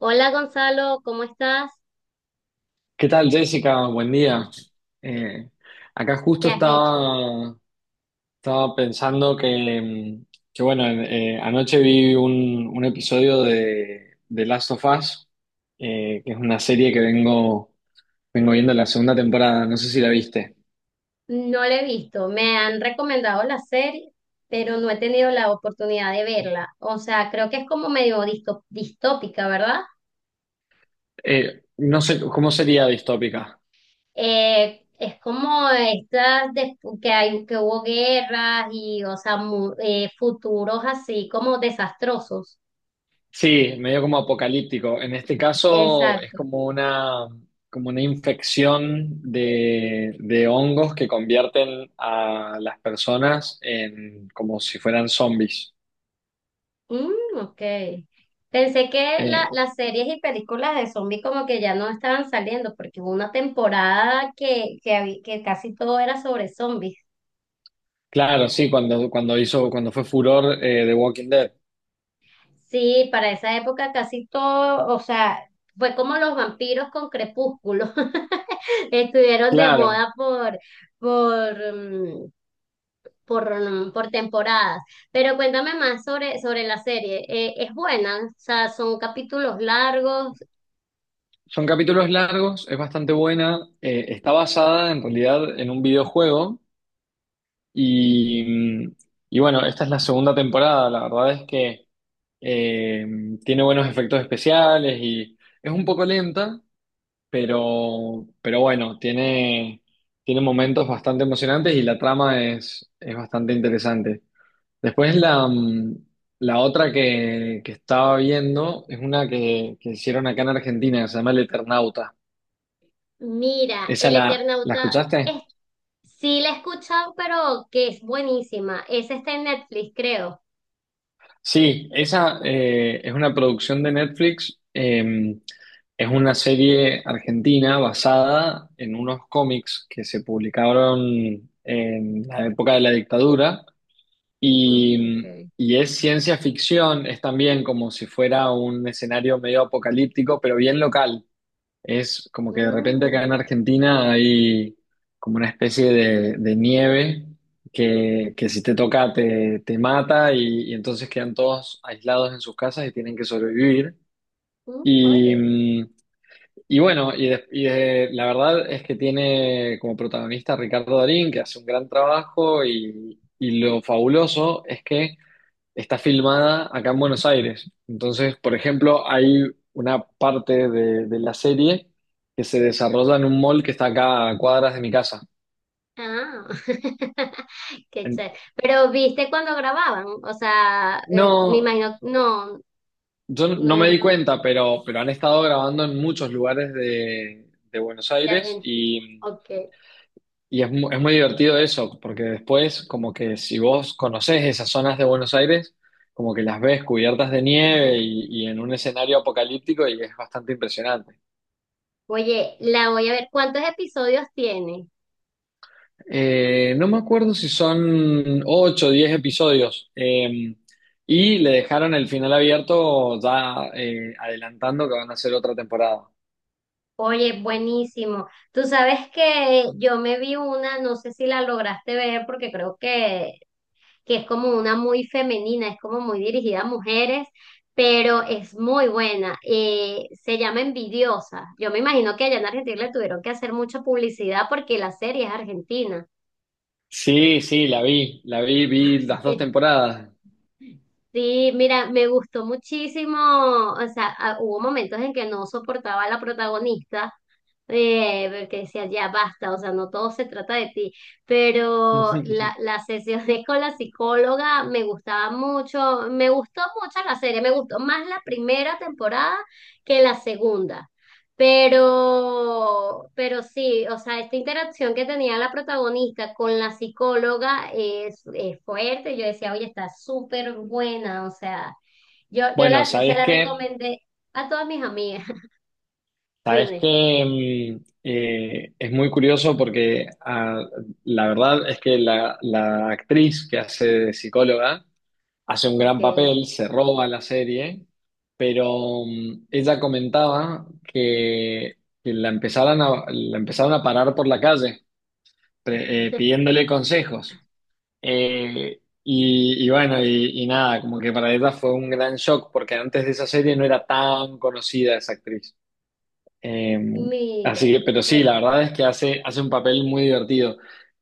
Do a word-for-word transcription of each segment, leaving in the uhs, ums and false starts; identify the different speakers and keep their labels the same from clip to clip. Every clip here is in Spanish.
Speaker 1: Hola Gonzalo, ¿cómo estás?
Speaker 2: ¿Qué tal, Jessica? Buen día. Eh, Acá
Speaker 1: ¿Qué
Speaker 2: justo
Speaker 1: has hecho?
Speaker 2: estaba, estaba pensando que, mm, que bueno, eh, anoche vi un, un episodio de, de Last of Us, eh, que es una serie que vengo, vengo viendo la segunda temporada, no sé si la viste.
Speaker 1: No la he visto. Me han recomendado la serie, pero no he tenido la oportunidad de verla. O sea, creo que es como medio disto- distópica, ¿verdad?
Speaker 2: Eh, no sé, ¿cómo sería distópica?
Speaker 1: Eh, es como estas de- que hay, que hubo guerras y, o sea, mu- eh, futuros así como desastrosos.
Speaker 2: Sí, medio como apocalíptico. En este caso es
Speaker 1: Exacto.
Speaker 2: como una, como una infección de, de hongos que convierten a las personas en como si fueran zombies.
Speaker 1: Mm, ok. Pensé que
Speaker 2: Eh,
Speaker 1: la- las series y películas de zombies como que ya no estaban saliendo, porque hubo una temporada que, que, habí- que casi todo era sobre zombies.
Speaker 2: claro, sí, cuando, cuando hizo, cuando fue furor eh, The Walking Dead.
Speaker 1: Sí, para esa época casi todo, o sea, fue como los vampiros con Crepúsculo. Estuvieron de
Speaker 2: Claro,
Speaker 1: moda por, por, mm, por, mm, por temporadas. Pero cuéntame más sobre, sobre la serie. Eh, ¿es buena? O sea, son capítulos largos.
Speaker 2: son capítulos largos, es bastante buena. Eh, está basada en realidad en un videojuego y, y bueno, esta es la segunda temporada. La verdad es que Eh, tiene buenos efectos especiales y es un poco lenta, pero, pero bueno, tiene, tiene momentos bastante emocionantes y la trama es, es bastante interesante. Después la, mm, la otra que, que estaba viendo es una que, que hicieron acá en Argentina, que se llama El Eternauta.
Speaker 1: Mira,
Speaker 2: ¿Esa
Speaker 1: El
Speaker 2: la, la
Speaker 1: Eternauta
Speaker 2: escuchaste?
Speaker 1: es, sí la he escuchado, pero que es buenísima. Esa está en Netflix, creo.
Speaker 2: Sí, esa eh, es una producción de Netflix. Eh, es una serie argentina basada en unos cómics que se publicaron en la época de la dictadura
Speaker 1: Mm,
Speaker 2: y,
Speaker 1: ok.
Speaker 2: y es ciencia ficción, es también como si fuera un escenario medio apocalíptico, pero bien local. Es como que de repente
Speaker 1: Mm,
Speaker 2: acá en Argentina hay como una especie de, de nieve que, que si te toca te, te mata y, y entonces quedan todos aislados en sus casas y tienen que sobrevivir.
Speaker 1: mm,
Speaker 2: Y,
Speaker 1: oye.
Speaker 2: mm, y bueno, y, de- y de- la verdad es que tiene como protagonista a Ricardo Darín, que hace un gran trabajo y, y lo fabuloso es que está filmada acá en Buenos Aires. Entonces, por ejemplo, hay una parte de, de la serie que se desarrolla en un mall que está acá a cuadras de mi casa.
Speaker 1: Ah, qué
Speaker 2: En-
Speaker 1: chévere. Pero viste cuando grababan, o sea, eh, me
Speaker 2: no,
Speaker 1: imagino, no,
Speaker 2: yo no me
Speaker 1: no,
Speaker 2: di
Speaker 1: no,
Speaker 2: cuenta, pero, pero han estado grabando en muchos lugares de, de Buenos
Speaker 1: de
Speaker 2: Aires
Speaker 1: Argentina.
Speaker 2: y,
Speaker 1: Ok.
Speaker 2: y es, mu- es muy divertido eso, porque después como que si vos conocés esas zonas de Buenos Aires, como que las ves cubiertas de nieve y y en un escenario apocalíptico y es bastante impresionante.
Speaker 1: Oye, la voy a ver. ¿Cuántos episodios tiene?
Speaker 2: Eh, no me acuerdo si son ocho, o diez episodios. Eh, y le dejaron el final abierto ya eh, adelantando que van a hacer otra temporada.
Speaker 1: Oye, buenísimo. Tú sabes que yo me vi una, no sé si la lograste ver porque creo que que es como una muy femenina, es como muy dirigida a mujeres, pero es muy buena. Eh, se llama Envidiosa. Yo me imagino que allá en Argentina le tuvieron que hacer mucha publicidad porque la serie es argentina.
Speaker 2: Sí, sí, la vi, la vi, vi las dos temporadas.
Speaker 1: Sí, mira, me gustó muchísimo, o sea, ah, hubo momentos en que no soportaba a la protagonista, eh, porque decía, ya basta, o sea, no todo se trata de ti, pero la, las sesiones con la psicóloga me gustaba mucho, me gustó mucho la serie, me gustó más la primera temporada que la segunda. Pero, pero sí, o sea, esta interacción que tenía la protagonista con la psicóloga es, es fuerte. Yo decía, oye, está súper buena. O sea, yo, yo
Speaker 2: Bueno,
Speaker 1: la, se
Speaker 2: sabes
Speaker 1: la
Speaker 2: que,
Speaker 1: recomendé a todas mis amigas.
Speaker 2: sabes
Speaker 1: Dime,
Speaker 2: que es muy curioso porque ah, la verdad es que la, la actriz que hace de psicóloga hace un
Speaker 1: ok.
Speaker 2: gran papel, se roba la serie, pero mm, ella comentaba que, que la empezaran a, la empezaron a parar por la calle pre- eh, pidiéndole consejos. Eh, y, y bueno, y, y nada, como que para ella fue un gran shock porque antes de esa serie no era tan conocida esa actriz. Eh, Así
Speaker 1: Mira,
Speaker 2: que, pero sí,
Speaker 1: que
Speaker 2: la verdad es que hace, hace un papel muy divertido.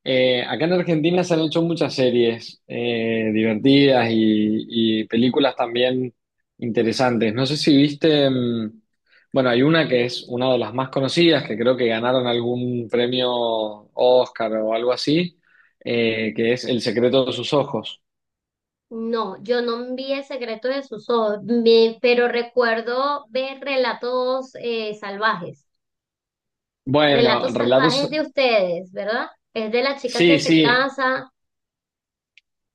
Speaker 2: Eh, acá en Argentina se han hecho muchas series eh, divertidas y, y películas también interesantes. No sé si viste, mm, Bueno, hay una que es una de las más conocidas, que creo que ganaron algún premio Oscar o algo así, eh, que es El secreto de sus ojos.
Speaker 1: no, yo no vi el secreto de sus ojos, me- pero recuerdo ver relatos eh, salvajes,
Speaker 2: Bueno,
Speaker 1: relatos salvajes de
Speaker 2: relatos.
Speaker 1: ustedes, ¿verdad? Es de la chica que
Speaker 2: Sí,
Speaker 1: se
Speaker 2: sí,
Speaker 1: casa,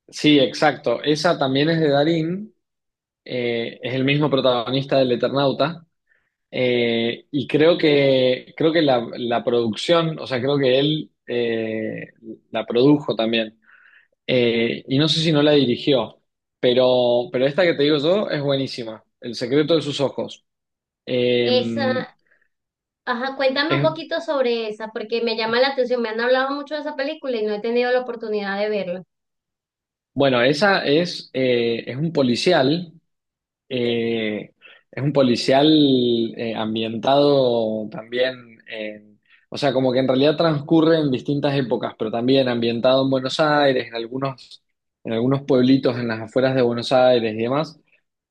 Speaker 2: sí, exacto. Esa también es de Darín eh, es el mismo protagonista del Eternauta, eh, y creo que, creo que la, la producción, o sea, creo que él eh, la produjo también. Eh, y no sé si no la dirigió, pero, pero esta que te digo yo es buenísima, El secreto de sus ojos. Eh,
Speaker 1: esa. Ajá, cuéntame un
Speaker 2: es,
Speaker 1: poquito sobre esa, porque me llama la atención. Me han hablado mucho de esa película y no he tenido la oportunidad de verla.
Speaker 2: bueno, esa es, eh, es un policial. Eh, es un policial eh, ambientado también en, o sea, como que en realidad transcurre en distintas épocas, pero también ambientado en Buenos Aires, en algunos, en algunos pueblitos en las afueras de Buenos Aires y demás.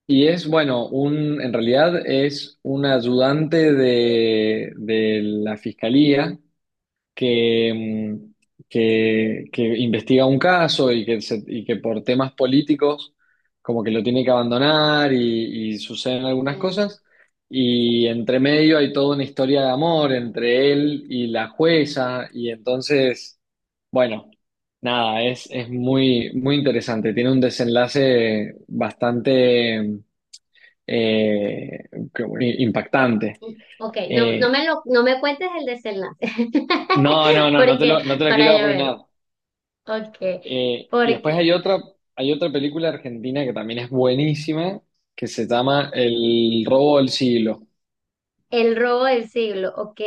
Speaker 2: Y es, bueno, un, en realidad es un ayudante de, de la fiscalía que, mm, que, que, investiga un caso y que, se- y que por temas políticos como que lo tiene que abandonar y, y suceden algunas
Speaker 1: Okay.
Speaker 2: cosas. Y entre medio hay toda una historia de amor entre él y la jueza. Y entonces, bueno, nada, es, es muy, muy interesante. Tiene un desenlace bastante eh, que- impactante.
Speaker 1: Ok, no, no
Speaker 2: Eh,
Speaker 1: me lo, no me cuentes el desenlace,
Speaker 2: no, no, no, no te
Speaker 1: porque
Speaker 2: lo, no te lo
Speaker 1: para
Speaker 2: quiero
Speaker 1: yo verlo.
Speaker 2: arruinar.
Speaker 1: Ok,
Speaker 2: Eh, y después
Speaker 1: porque
Speaker 2: hay otra, hay otra película argentina que también es buenísima, que se llama El robo del siglo.
Speaker 1: el robo del siglo, ok.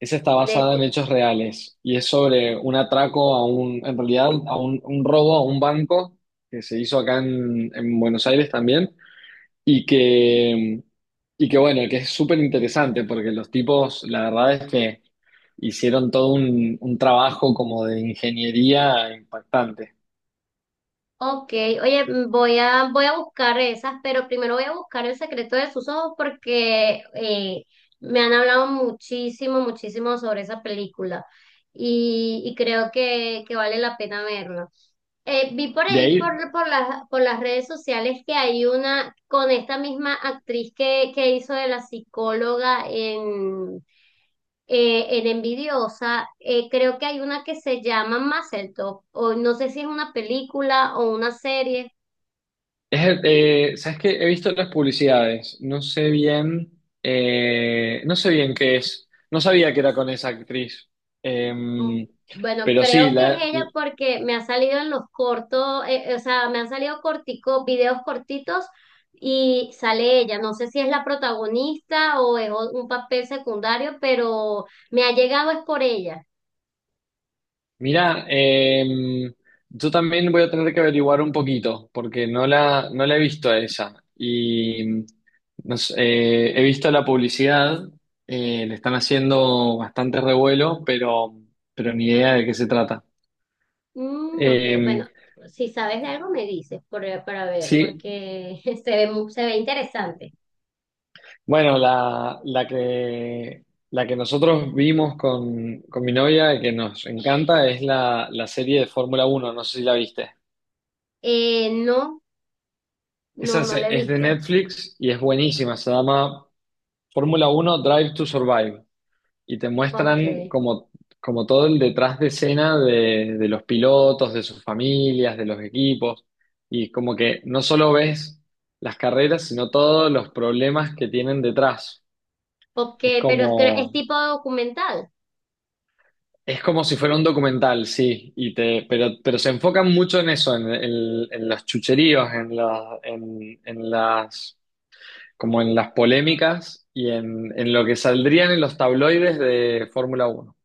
Speaker 2: Esa está basada en
Speaker 1: De,
Speaker 2: hechos reales y es sobre un atraco a un, en realidad, a un, un, robo a un banco que se hizo acá en, en Buenos Aires también y que, y que bueno, que es súper interesante porque los tipos, la verdad es que hicieron todo un, un trabajo como de ingeniería impactante.
Speaker 1: ok, oye, mm, voy a, voy a buscar esas, pero primero voy a buscar el secreto de sus ojos porque eh, me han hablado muchísimo, muchísimo sobre esa película y, y creo que, que vale la pena verla. Eh, vi por
Speaker 2: De
Speaker 1: ahí, por,
Speaker 2: ahí,
Speaker 1: por las, por las redes sociales, que hay una con esta misma actriz que, que hizo de la psicóloga en, eh, en Envidiosa, eh, creo que hay una que se llama Mazel Tov, o no sé si es una película o una serie.
Speaker 2: es el- eh, ¿sabes qué? He visto las publicidades, no sé bien, eh, no sé bien qué es, no sabía que era con esa actriz.
Speaker 1: Mm,
Speaker 2: Em,
Speaker 1: bueno,
Speaker 2: pero sí,
Speaker 1: creo que es
Speaker 2: la,
Speaker 1: ella porque me ha salido en los cortos, eh, eh, o sea, me han salido cortico, videos cortitos y sale ella. No sé si es la protagonista o es o- un papel secundario, pero me ha llegado es por ella.
Speaker 2: mira, yo también voy a tener que averiguar un poquito, porque no la, no la he visto a esa, y no sé, eh, he visto la publicidad, eh, le están haciendo bastante revuelo, pero, pero ni idea de qué se trata.
Speaker 1: Mm, ok, bueno,
Speaker 2: Em,
Speaker 1: si sabes de algo me dices por- para ver,
Speaker 2: sí.
Speaker 1: porque se ve, mu- se ve interesante.
Speaker 2: Bueno, la, la que, la que nosotros vimos con, con mi novia y que nos encanta es la, la serie de Fórmula Uno. No sé si la viste.
Speaker 1: Eh, no, no,
Speaker 2: Esa
Speaker 1: no
Speaker 2: se-
Speaker 1: la he
Speaker 2: es de
Speaker 1: visto.
Speaker 2: Netflix y es buenísima, se llama Fórmula Uno: Drive to Survive y te
Speaker 1: Ok,
Speaker 2: muestran como, como todo el detrás de escena de, de los pilotos, de sus familias, de los equipos y como que no solo ves las carreras, sino todos los problemas que tienen detrás.
Speaker 1: ok,
Speaker 2: Es
Speaker 1: pero es, es
Speaker 2: como
Speaker 1: tipo documental.
Speaker 2: Es como si fuera un documental, sí, y te, pero, pero se enfocan mucho en eso, en, en- en los chucheríos, en, la- en, en las, como en las polémicas y en, en lo que saldrían en los tabloides de Fórmula uno.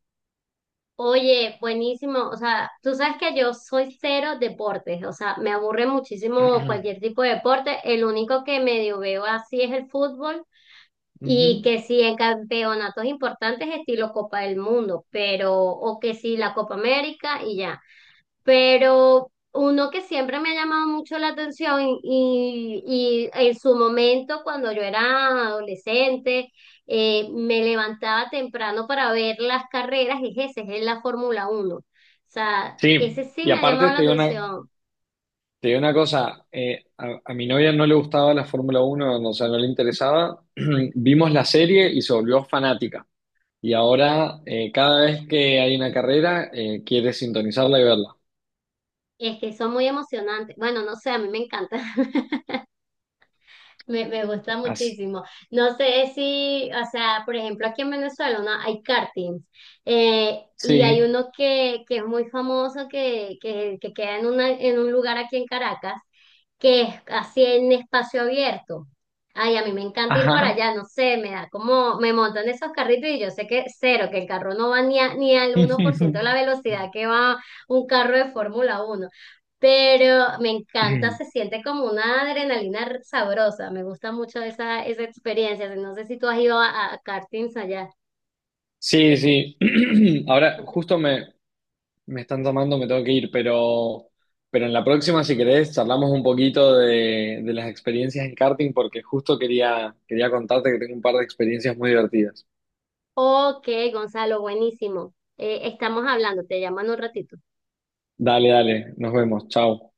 Speaker 1: Oye, buenísimo. O sea, tú sabes que yo soy cero deportes. O sea, me aburre muchísimo cualquier tipo de deporte. El único que medio veo así es el fútbol y
Speaker 2: Ujú.
Speaker 1: que sí en campeonatos importantes estilo Copa del Mundo, pero o que sí la Copa América y ya, pero uno que siempre me ha llamado mucho la atención y, y en su momento, cuando yo era adolescente, eh, me levantaba temprano para ver las carreras, es ese, es la Fórmula uno. O sea, ese
Speaker 2: Sí,
Speaker 1: sí
Speaker 2: y
Speaker 1: me ha llamado
Speaker 2: aparte
Speaker 1: la
Speaker 2: te digo una,
Speaker 1: atención.
Speaker 2: te digo una cosa, eh, a, a mi novia no le gustaba la Fórmula uno, o sea, no le interesaba. Vimos la serie y se volvió fanática. Y ahora, eh, cada vez que hay una carrera, eh, quiere sintonizarla y verla.
Speaker 1: Es que son muy emocionantes. Bueno, no sé, a mí me encanta. Me, me gusta
Speaker 2: As-
Speaker 1: muchísimo. No sé si, o sea, por ejemplo, aquí en Venezuela, ¿no?, hay kartings eh, y hay
Speaker 2: sí,
Speaker 1: uno que, que es muy famoso que, que, que queda en, una, en un lugar aquí en Caracas, que es así en espacio abierto. Ay, a mí me encanta ir para
Speaker 2: ajá.
Speaker 1: allá, no sé, me da como, me montan esos carritos y yo sé que cero, que el carro no va ni, a- ni al uno por ciento de la velocidad que va un carro de Fórmula uno, pero me encanta, se siente como una adrenalina sabrosa, me gusta mucho esa, esa experiencia, no sé si tú has ido a, a kartings allá.
Speaker 2: Sí, sí. Ahora justo me, me están tomando, me tengo que ir, pero, pero en la próxima, si querés, charlamos un poquito de, de las experiencias en karting, porque justo quería, quería contarte que tengo un par de experiencias muy divertidas.
Speaker 1: Ok, Gonzalo, buenísimo. Eh, estamos hablando, te llaman un ratito.
Speaker 2: Dale, dale, nos vemos, chao.